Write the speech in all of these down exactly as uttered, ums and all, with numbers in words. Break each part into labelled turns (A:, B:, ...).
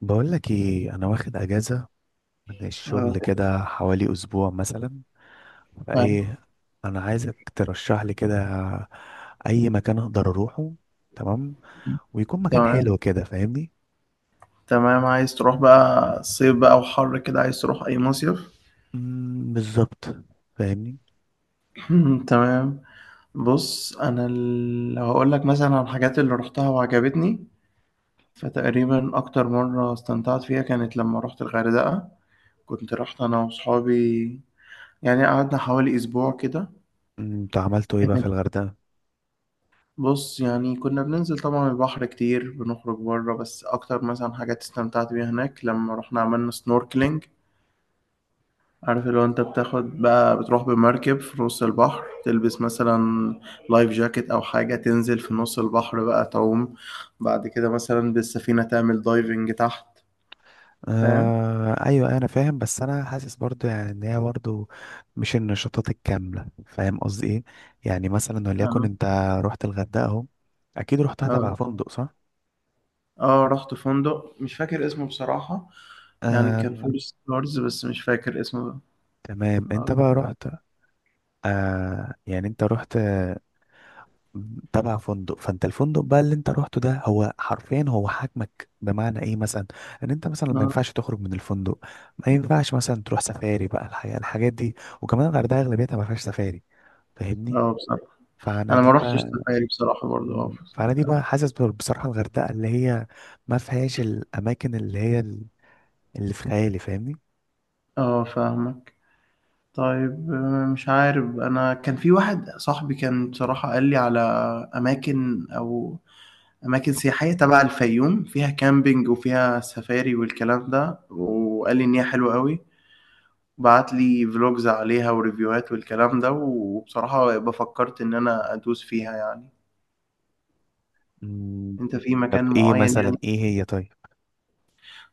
A: بقول لك ايه، انا واخد اجازه من الشغل
B: آه،
A: كده حوالي اسبوع مثلا.
B: فاهم.
A: فايه، انا عايزك ترشح لي كده اي مكان اقدر اروحه، تمام، ويكون مكان
B: تمام،
A: حلو كده، فاهمني؟
B: تمام، عايز تروح بقى صيف بقى وحر كده، عايز تروح أي مصيف؟
A: أمم، بالظبط، فاهمني.
B: تمام. بص أنا ال- لو هقول لك مثلا عن الحاجات اللي روحتها وعجبتني، فتقريبا أكتر مرة استمتعت فيها كانت لما روحت الغردقة. كنت رحت أنا وصحابي، يعني قعدنا حوالي أسبوع كده.
A: أمم، انتوا عملتوا ايه بقى في
B: كانت-
A: الغردقه؟
B: بص يعني كنا بننزل طبعا البحر كتير، بنخرج بره، بس أكتر مثلا حاجات استمتعت بيها هناك لما رحنا عملنا سنوركلينج. عارف اللي هو انت بتاخد بقى، بتروح بمركب في نص البحر، تلبس مثلا لايف جاكيت او حاجة، تنزل في نص البحر بقى تعوم. بعد كده مثلا بالسفينة تعمل دايفنج تحت. فاهم.
A: آه ايوه انا فاهم، بس انا حاسس برضو يعني ان هي برضو مش النشاطات الكامله، فاهم قصدي ايه؟ يعني مثلا وليكن
B: اه،
A: انت رحت الغردقه اهو، اكيد رحتها
B: اه،
A: تبع فندق صح؟
B: اه، رحت فندق مش فاكر اسمه بصراحة. يعني كان
A: آه،
B: فور ستارز بس مش فاكر اسمه.
A: تمام. انت
B: اه،
A: بقى رحت. آه يعني انت رحت، آه، تبع فندق. فانت الفندق بقى اللي انت رحته ده هو حرفيا هو حاكمك، بمعنى ايه مثلا؟ ان انت مثلا ما
B: اه،
A: ينفعش تخرج من الفندق، ما ينفعش مثلا تروح سفاري بقى الحقيقة، الحاجات دي. وكمان الغردقة اغلبيتها ما فيهاش سفاري، فاهمني.
B: اه بصراحة،
A: فانا
B: انا ما
A: دي
B: رحتش
A: بقى.
B: سفاري بصراحة برضو، اه
A: فانا دي
B: بصراحة.
A: بقى حاسس بال- بصراحة الغردقة اللي هي ما فيهاش الاماكن اللي هي ال- اللي في خيالي، فاهمني.
B: اه، فاهمك. طيب آه، مش عارف، انا كان في واحد صاحبي كان بصراحة قال لي على اماكن، او اماكن سياحية تبع الفيوم، فيها كامبينج وفيها سفاري والكلام ده، وقال لي ان هي حلوة قوي. بعت لي فلوجز عليها وريفيوهات والكلام ده، وبصراحة بفكرت ان انا ادوس فيها يعني.
A: مم.
B: انت في
A: طب
B: مكان
A: ايه
B: معين يعني.
A: مثلا، ايه هي طيب؟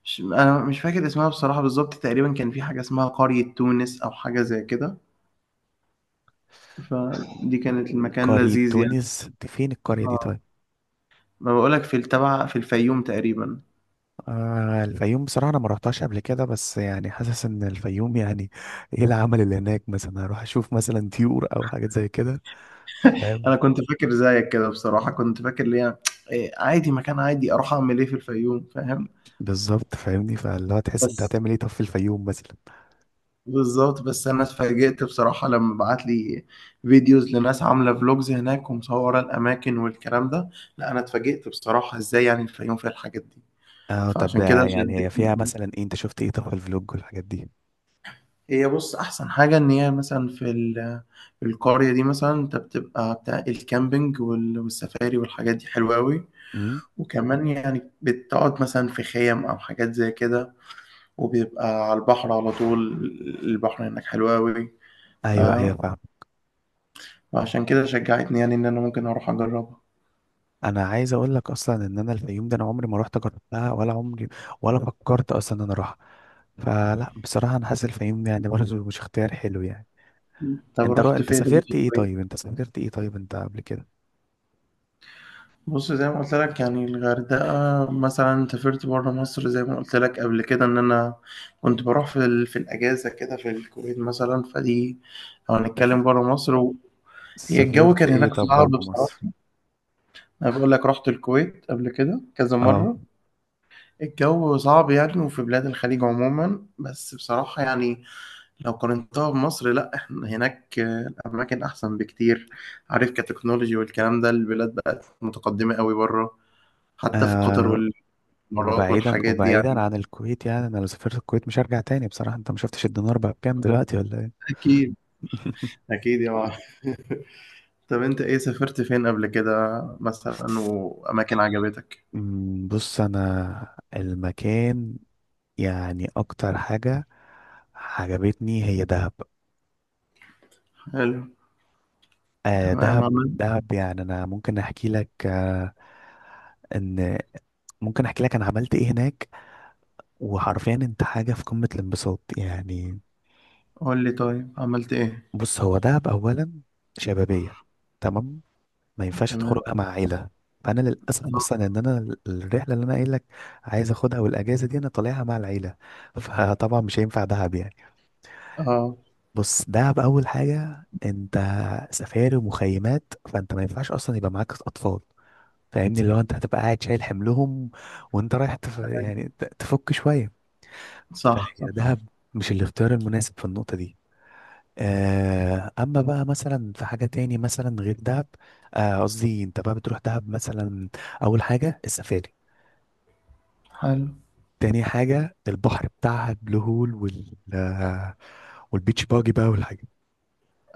B: مش انا مش فاكر اسمها بصراحة بالظبط، تقريبا كان في حاجة اسمها قرية تونس او حاجة زي كده. فدي كانت المكان
A: قرية
B: لذيذ يعني.
A: تونس دي فين القرية دي
B: آه.
A: طيب؟
B: ما بقولك في التبع في الفيوم تقريبا.
A: آه الفيوم، بصراحة أنا ما رحتهاش قبل كده، بس يعني حاسس إن الفيوم يعني إيه العمل اللي هناك؟ مثلا أروح أشوف مثلا طيور أو حاجات زي كده، فاهم؟
B: انا كنت فاكر زيك كده بصراحة، كنت فاكر ليه إيه، عادي، مكان عادي، اروح اعمل ايه في الفيوم، فاهم؟
A: بالظبط، فاهمني. فاللي هو تحس أنت
B: بس
A: هتعمل إيه طب في الفيوم مثلا؟
B: بالظبط، بس انا اتفاجئت بصراحة لما بعت لي فيديوز لناس عاملة فلوجز هناك ومصورة الاماكن والكلام ده. لا، انا اتفاجئت بصراحة ازاي يعني الفيوم فيها الحاجات دي.
A: آه طب
B: فعشان كده
A: آه، يعني هي فيها
B: شدتني.
A: مثلا إيه؟ أنت شفت إيه طب في الفلوج والحاجات دي؟
B: هي بص، احسن حاجه ان هي مثلا في ال- القريه دي، مثلا انت بتبقى بتاع الكامبينج وال- والسفاري والحاجات دي حلوه قوي.
A: امم.
B: وكمان يعني بتقعد مثلا في خيم أو حاجات زي كده، وبيبقى على البحر على طول. البحر هناك حلو أوي. ف...
A: أيوه أيوه فاهم.
B: فعشان كده شجعتني يعني إن أنا ممكن أروح أجربها.
A: أنا عايز أقول لك أصلا إن أنا الفيوم ده أنا عمري ما رحت جربتها، ولا عمري ولا فكرت أصلا إن أنا أروحها. فلا بصراحة أنا حاسس الفيوم يعني برضه مش اختيار حلو يعني.
B: مم. طب
A: انت رو...
B: رحت
A: انت
B: فين انت
A: سافرت ايه
B: طيب؟
A: طيب؟ انت سافرت ايه طيب انت قبل كده؟
B: بص، زي ما قلت لك يعني الغردقة، مثلا سافرت بره مصر زي ما قلت لك قبل كده، إن أنا كنت بروح في, ال... في الأجازة كده في الكويت مثلا، فدي لو هنتكلم
A: سف-
B: بره مصر و... هي الجو
A: سافرت
B: كان
A: ايه
B: هناك
A: طب
B: صعب
A: بره مصر؟
B: بصراحة. أنا بقول لك رحت الكويت قبل كده كذا
A: اه.
B: مرة، الجو صعب يعني، وفي بلاد الخليج عموما، بس بصراحة يعني لو قارنتها بمصر، لا، احنا هناك آه، الأماكن أحسن بكتير. عارف كتكنولوجي والكلام ده، البلاد بقت متقدمة قوي بره، حتى في قطر
A: آه،
B: والإمارات
A: وبعيدا
B: والحاجات دي
A: وبعيدا
B: يعني.
A: عن الكويت يعني، انا لو سافرت الكويت مش هرجع تاني بصراحة. انت ما شفتش الدينار بقى بكام دلوقتي ولا ايه؟
B: أكيد. أكيد يا معلم. طب أنت إيه سافرت فين قبل كده مثلا، وأماكن عجبتك؟
A: أمم، بص انا المكان، يعني اكتر حاجة عجبتني هي دهب.
B: حلو.
A: آه
B: تمام،
A: دهب.
B: عملت.
A: دهب يعني انا ممكن احكي لك آه ان، ممكن احكي لك انا عملت ايه هناك. وحرفيا انت حاجة في قمة الانبساط يعني.
B: قول لي طيب، عملت إيه؟
A: بص هو دهب اولا شبابية، تمام، ما ينفعش
B: تمام.
A: تخرجها مع عيلة. فانا
B: أه.
A: للاسف اصلا ان انا ال- الرحلة اللي انا قايل لك عايز اخدها والاجازة دي انا طالعها مع العيلة، فطبعا مش هينفع دهب يعني.
B: آه.
A: بص دهب اول حاجة انت سفاري ومخيمات، فانت ما ينفعش اصلا يبقى معاك اطفال، فاهمني. اللي هو انت هتبقى قاعد شايل حملهم وانت رايح تف... يعني ت- تفك شوية.
B: صح، صح.
A: هي دهب مش الاختيار المناسب في النقطة دي. آه، اما بقى مثلا في حاجه تاني مثلا غير دهب. آه، قصدي انت بقى بتروح دهب مثلا، اول حاجه السفاري،
B: حلو.
A: تاني حاجه البحر بتاعها بلو هول وال آه، والبيتش باجي بقى والحاجات،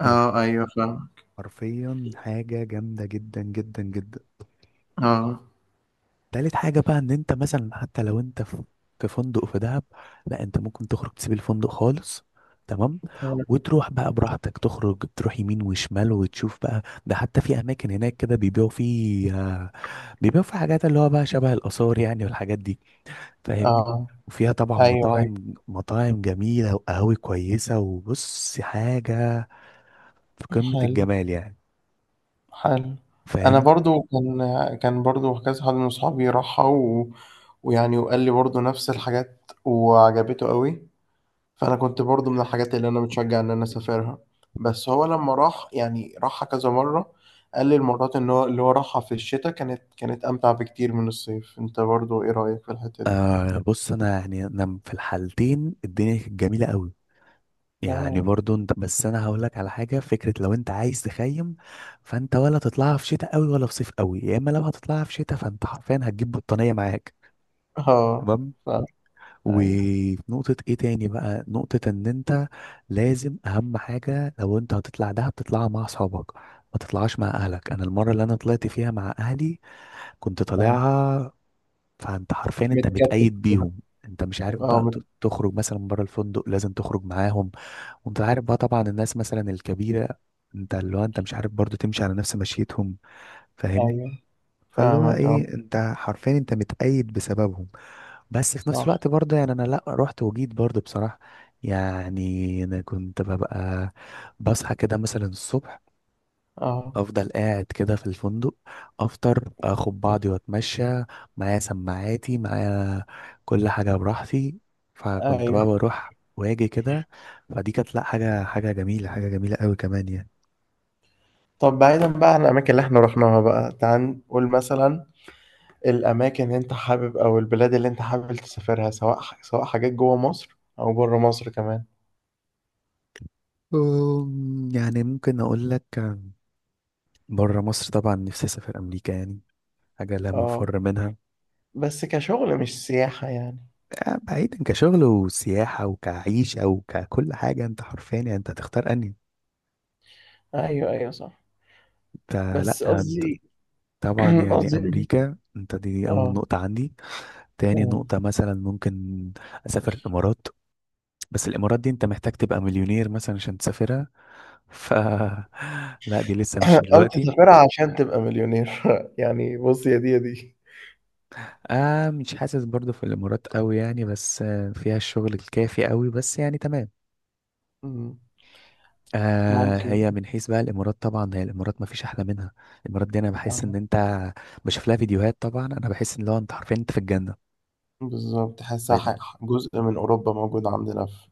B: أه،
A: والحاجات
B: أيوه، فاهم.
A: حرفيا حاجه جامده جدا جدا جدا.
B: أه.
A: تالت حاجة بقى ان انت مثلا حتى لو انت في في فندق في دهب، لا انت ممكن تخرج تسيب الفندق خالص، تمام،
B: تمام.
A: وتروح بقى براحتك تخرج تروح يمين وشمال وتشوف بقى. ده حتى في اماكن هناك كده بيبيعوا فيه آه، بيبيعوا فيه حاجات اللي هو بقى شبه الاثار يعني، والحاجات دي، فاهمني.
B: اه،
A: وفيها طبعا
B: ايوه،
A: مطاعم،
B: أيوة.
A: مطاعم جميلة وقهاوي كويسة، وبص حاجة في قمة
B: حلو.
A: الجمال يعني،
B: حلو. انا
A: فاهمني.
B: برضو كان كان برضو كذا حد من اصحابي راحها و... ويعني، وقال لي برضو نفس الحاجات وعجبته قوي. فانا كنت برضو من الحاجات اللي انا متشجع ان انا اسافرها. بس هو لما راح يعني، راحها كذا مرة. قال لي المرات ان هو اللي هو راحها في الشتاء، كانت كانت امتع بكتير من الصيف، انت برضو ايه رأيك في الحتة دي؟
A: آه بص انا يعني انا في الحالتين الدنيا كانت جميلة قوي يعني،
B: تمام.
A: برضو انت، بس انا هقول لك على حاجه، فكره لو انت عايز تخيم فانت ولا تطلعها في شتاء قوي ولا في صيف قوي. يا اما لو هتطلعها في شتاء فانت حرفيا هتجيب بطانيه معاك،
B: اه.
A: تمام.
B: ف... ايوه.
A: وفي نقطه ايه تاني بقى، نقطه ان انت لازم، اهم حاجه لو انت هتطلع دهب تطلعها مع اصحابك، ما تطلعهاش مع اهلك. انا المره اللي انا طلعت فيها مع اهلي كنت
B: آه.
A: طالعها، فانت حرفيا انت
B: متكتل
A: متقيد
B: كده.
A: بيهم، انت مش عارف
B: اه،
A: بقى
B: مت...
A: ت- تخرج مثلا بره الفندق، لازم تخرج معاهم. وانت عارف بقى طبعا الناس مثلا الكبيرة، انت اللي هو انت مش عارف برضو تمشي على نفس مشيتهم، فاهمني.
B: ايوه،
A: فاللي هو
B: فاهمك، اه،
A: ايه، انت حرفيا انت متقيد بسببهم. بس في نفس
B: صح،
A: الوقت برضه يعني انا لا رحت وجيت برضه بصراحة، يعني انا كنت ببقى بصحى كده مثلا الصبح،
B: اه،
A: افضل قاعد كده في الفندق، افطر اخد بعضي واتمشى، معايا سماعاتي معايا، كل حاجه براحتي، فكنت
B: ايوه.
A: بقى بروح واجي كده. فدي كانت لا حاجه، حاجه جميله حاجه جميله قوي كمان يعني.
B: طب بعيدا بقى عن الاماكن اللي احنا رحناها بقى، تعال نقول مثلا الاماكن اللي انت حابب، او البلاد اللي انت حابب تسافرها، سواء سواء حاجات جوه مصر او بره مصر كمان.
A: أم، يعني ممكن اقول لك، بره مصر طبعا نفسي اسافر امريكا يعني، حاجه لا
B: اه.
A: مفر منها.
B: بس كشغل مش سياحة يعني.
A: آه، بعيدا كشغل وسياحه وكعيشه وككل حاجه، انت حرفيا يعني انت هتختار انهي
B: ايوه، ايوه، صح.
A: انت.
B: بس
A: لا،
B: قصدي
A: طبعا يعني
B: قصدي،
A: امريكا انت دي اول
B: اه،
A: نقطه عندي. تاني
B: اه،
A: نقطة مثلا ممكن أسافر الإمارات، بس الإمارات دي أنت محتاج تبقى مليونير مثلا عشان تسافرها، ف لا دي لسه مش
B: او
A: دلوقتي.
B: تسافرها عشان تبقى مليونير. يعني بص، يا دي يا دي.
A: آه مش حاسس برضو في الإمارات قوي يعني، بس آه، فيها الشغل الكافي قوي بس يعني تمام.
B: مم.
A: آه،
B: ممكن.
A: هي من حيث بقى الإمارات، طبعا هي الإمارات ما فيش أحلى منها. الإمارات دي أنا بحس إن
B: آه،
A: أنت بشوف لها فيديوهات طبعا، أنا بحس إن لو أنت حرفيا أنت في الجنة.
B: بالظبط، تحسها
A: طيب،
B: ح- جزء من اوروبا موجود عندنا في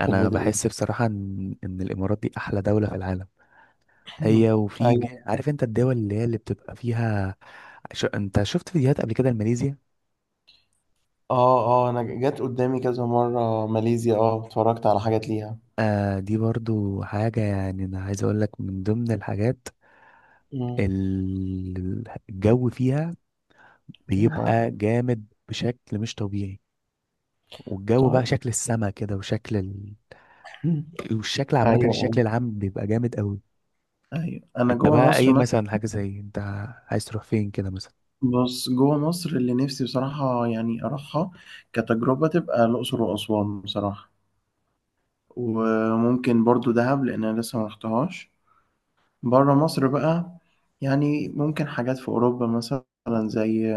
B: في الميدل ايست.
A: بحس بصراحة إن إن الإمارات دي أحلى دولة في العالم. هي وفي
B: ايوه.
A: ج- عارف انت الدول اللي هي اللي بتبقى فيها. ش... انت شفت فيديوهات قبل كده لماليزيا؟
B: اه، اه، انا جت قدامي كذا مره ماليزيا، اه، اتفرجت على حاجات ليها.
A: آه دي برضو حاجة يعني انا عايز اقول لك من ضمن الحاجات،
B: مم.
A: ال- الجو فيها
B: اه،
A: بيبقى جامد بشكل مش طبيعي. والجو بقى
B: طيب.
A: شكل السما كده وشكل ال...
B: مم.
A: والشكل عامة،
B: ايوه،
A: الشكل العام بيبقى جامد قوي.
B: ايوه. انا
A: انت
B: جوه
A: بقى
B: مصر
A: اي
B: مثلا.
A: مثلا حاجة زي، انت عايز تروح فين كده
B: بص جوه مصر اللي نفسي بصراحه يعني اروحها كتجربه، تبقى الاقصر واسوان بصراحه. وممكن برضو دهب لان انا لسه ما رحتهاش. بره مصر بقى، يعني ممكن حاجات في اوروبا مثلا، زي،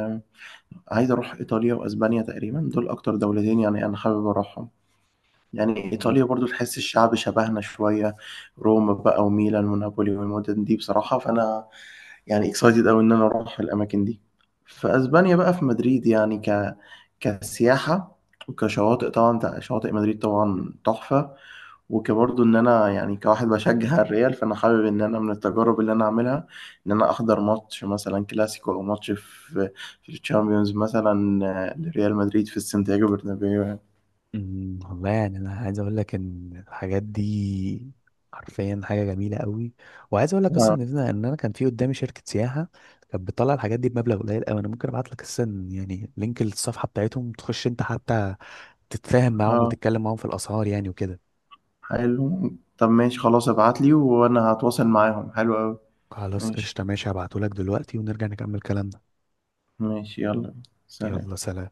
B: عايز اروح ايطاليا واسبانيا، تقريبا دول اكتر دولتين يعني انا حابب اروحهم. يعني
A: مثلا؟
B: إيطاليا برضو تحس الشعب شبهنا شوية، روما بقى وميلان ونابولي والمدن دي بصراحة. فأنا يعني اكسايتد أوي إن أنا أروح الأماكن دي. في أسبانيا بقى في مدريد، يعني ك... كسياحة، وكشواطئ، طبعا تع- شواطئ مدريد طبعا تحفة. وكبرضو إن أنا يعني كواحد بشجع الريال، فأنا حابب إن أنا من التجارب اللي أنا أعملها إن أنا أحضر ماتش مثلا كلاسيكو، أو ماتش في في الشامبيونز مثلا، آه، لريال مدريد في السانتياغو برنابيو يعني.
A: أمم، والله يعني انا عايز اقول لك ان الحاجات دي حرفيا حاجه جميله قوي. وعايز اقول لك
B: آه.
A: اصلا ان انا، ان انا كان في قدامي شركه سياحه كانت بتطلع الحاجات دي بمبلغ قليل قوي. انا ممكن ابعت لك اصلا يعني لينك الصفحه بتاعتهم، تخش انت حتى تتفاهم معاهم
B: آه.
A: وتتكلم معاهم في الاسعار يعني وكده.
B: حلو. طب ماشي، خلاص ابعت لي وانا هتواصل معاهم، حلو قوي.
A: خلاص
B: ماشي.
A: قشطه ماشي، هبعته لك دلوقتي ونرجع نكمل كلامنا.
B: ماشي، يلا، سلام.
A: يلا سلام.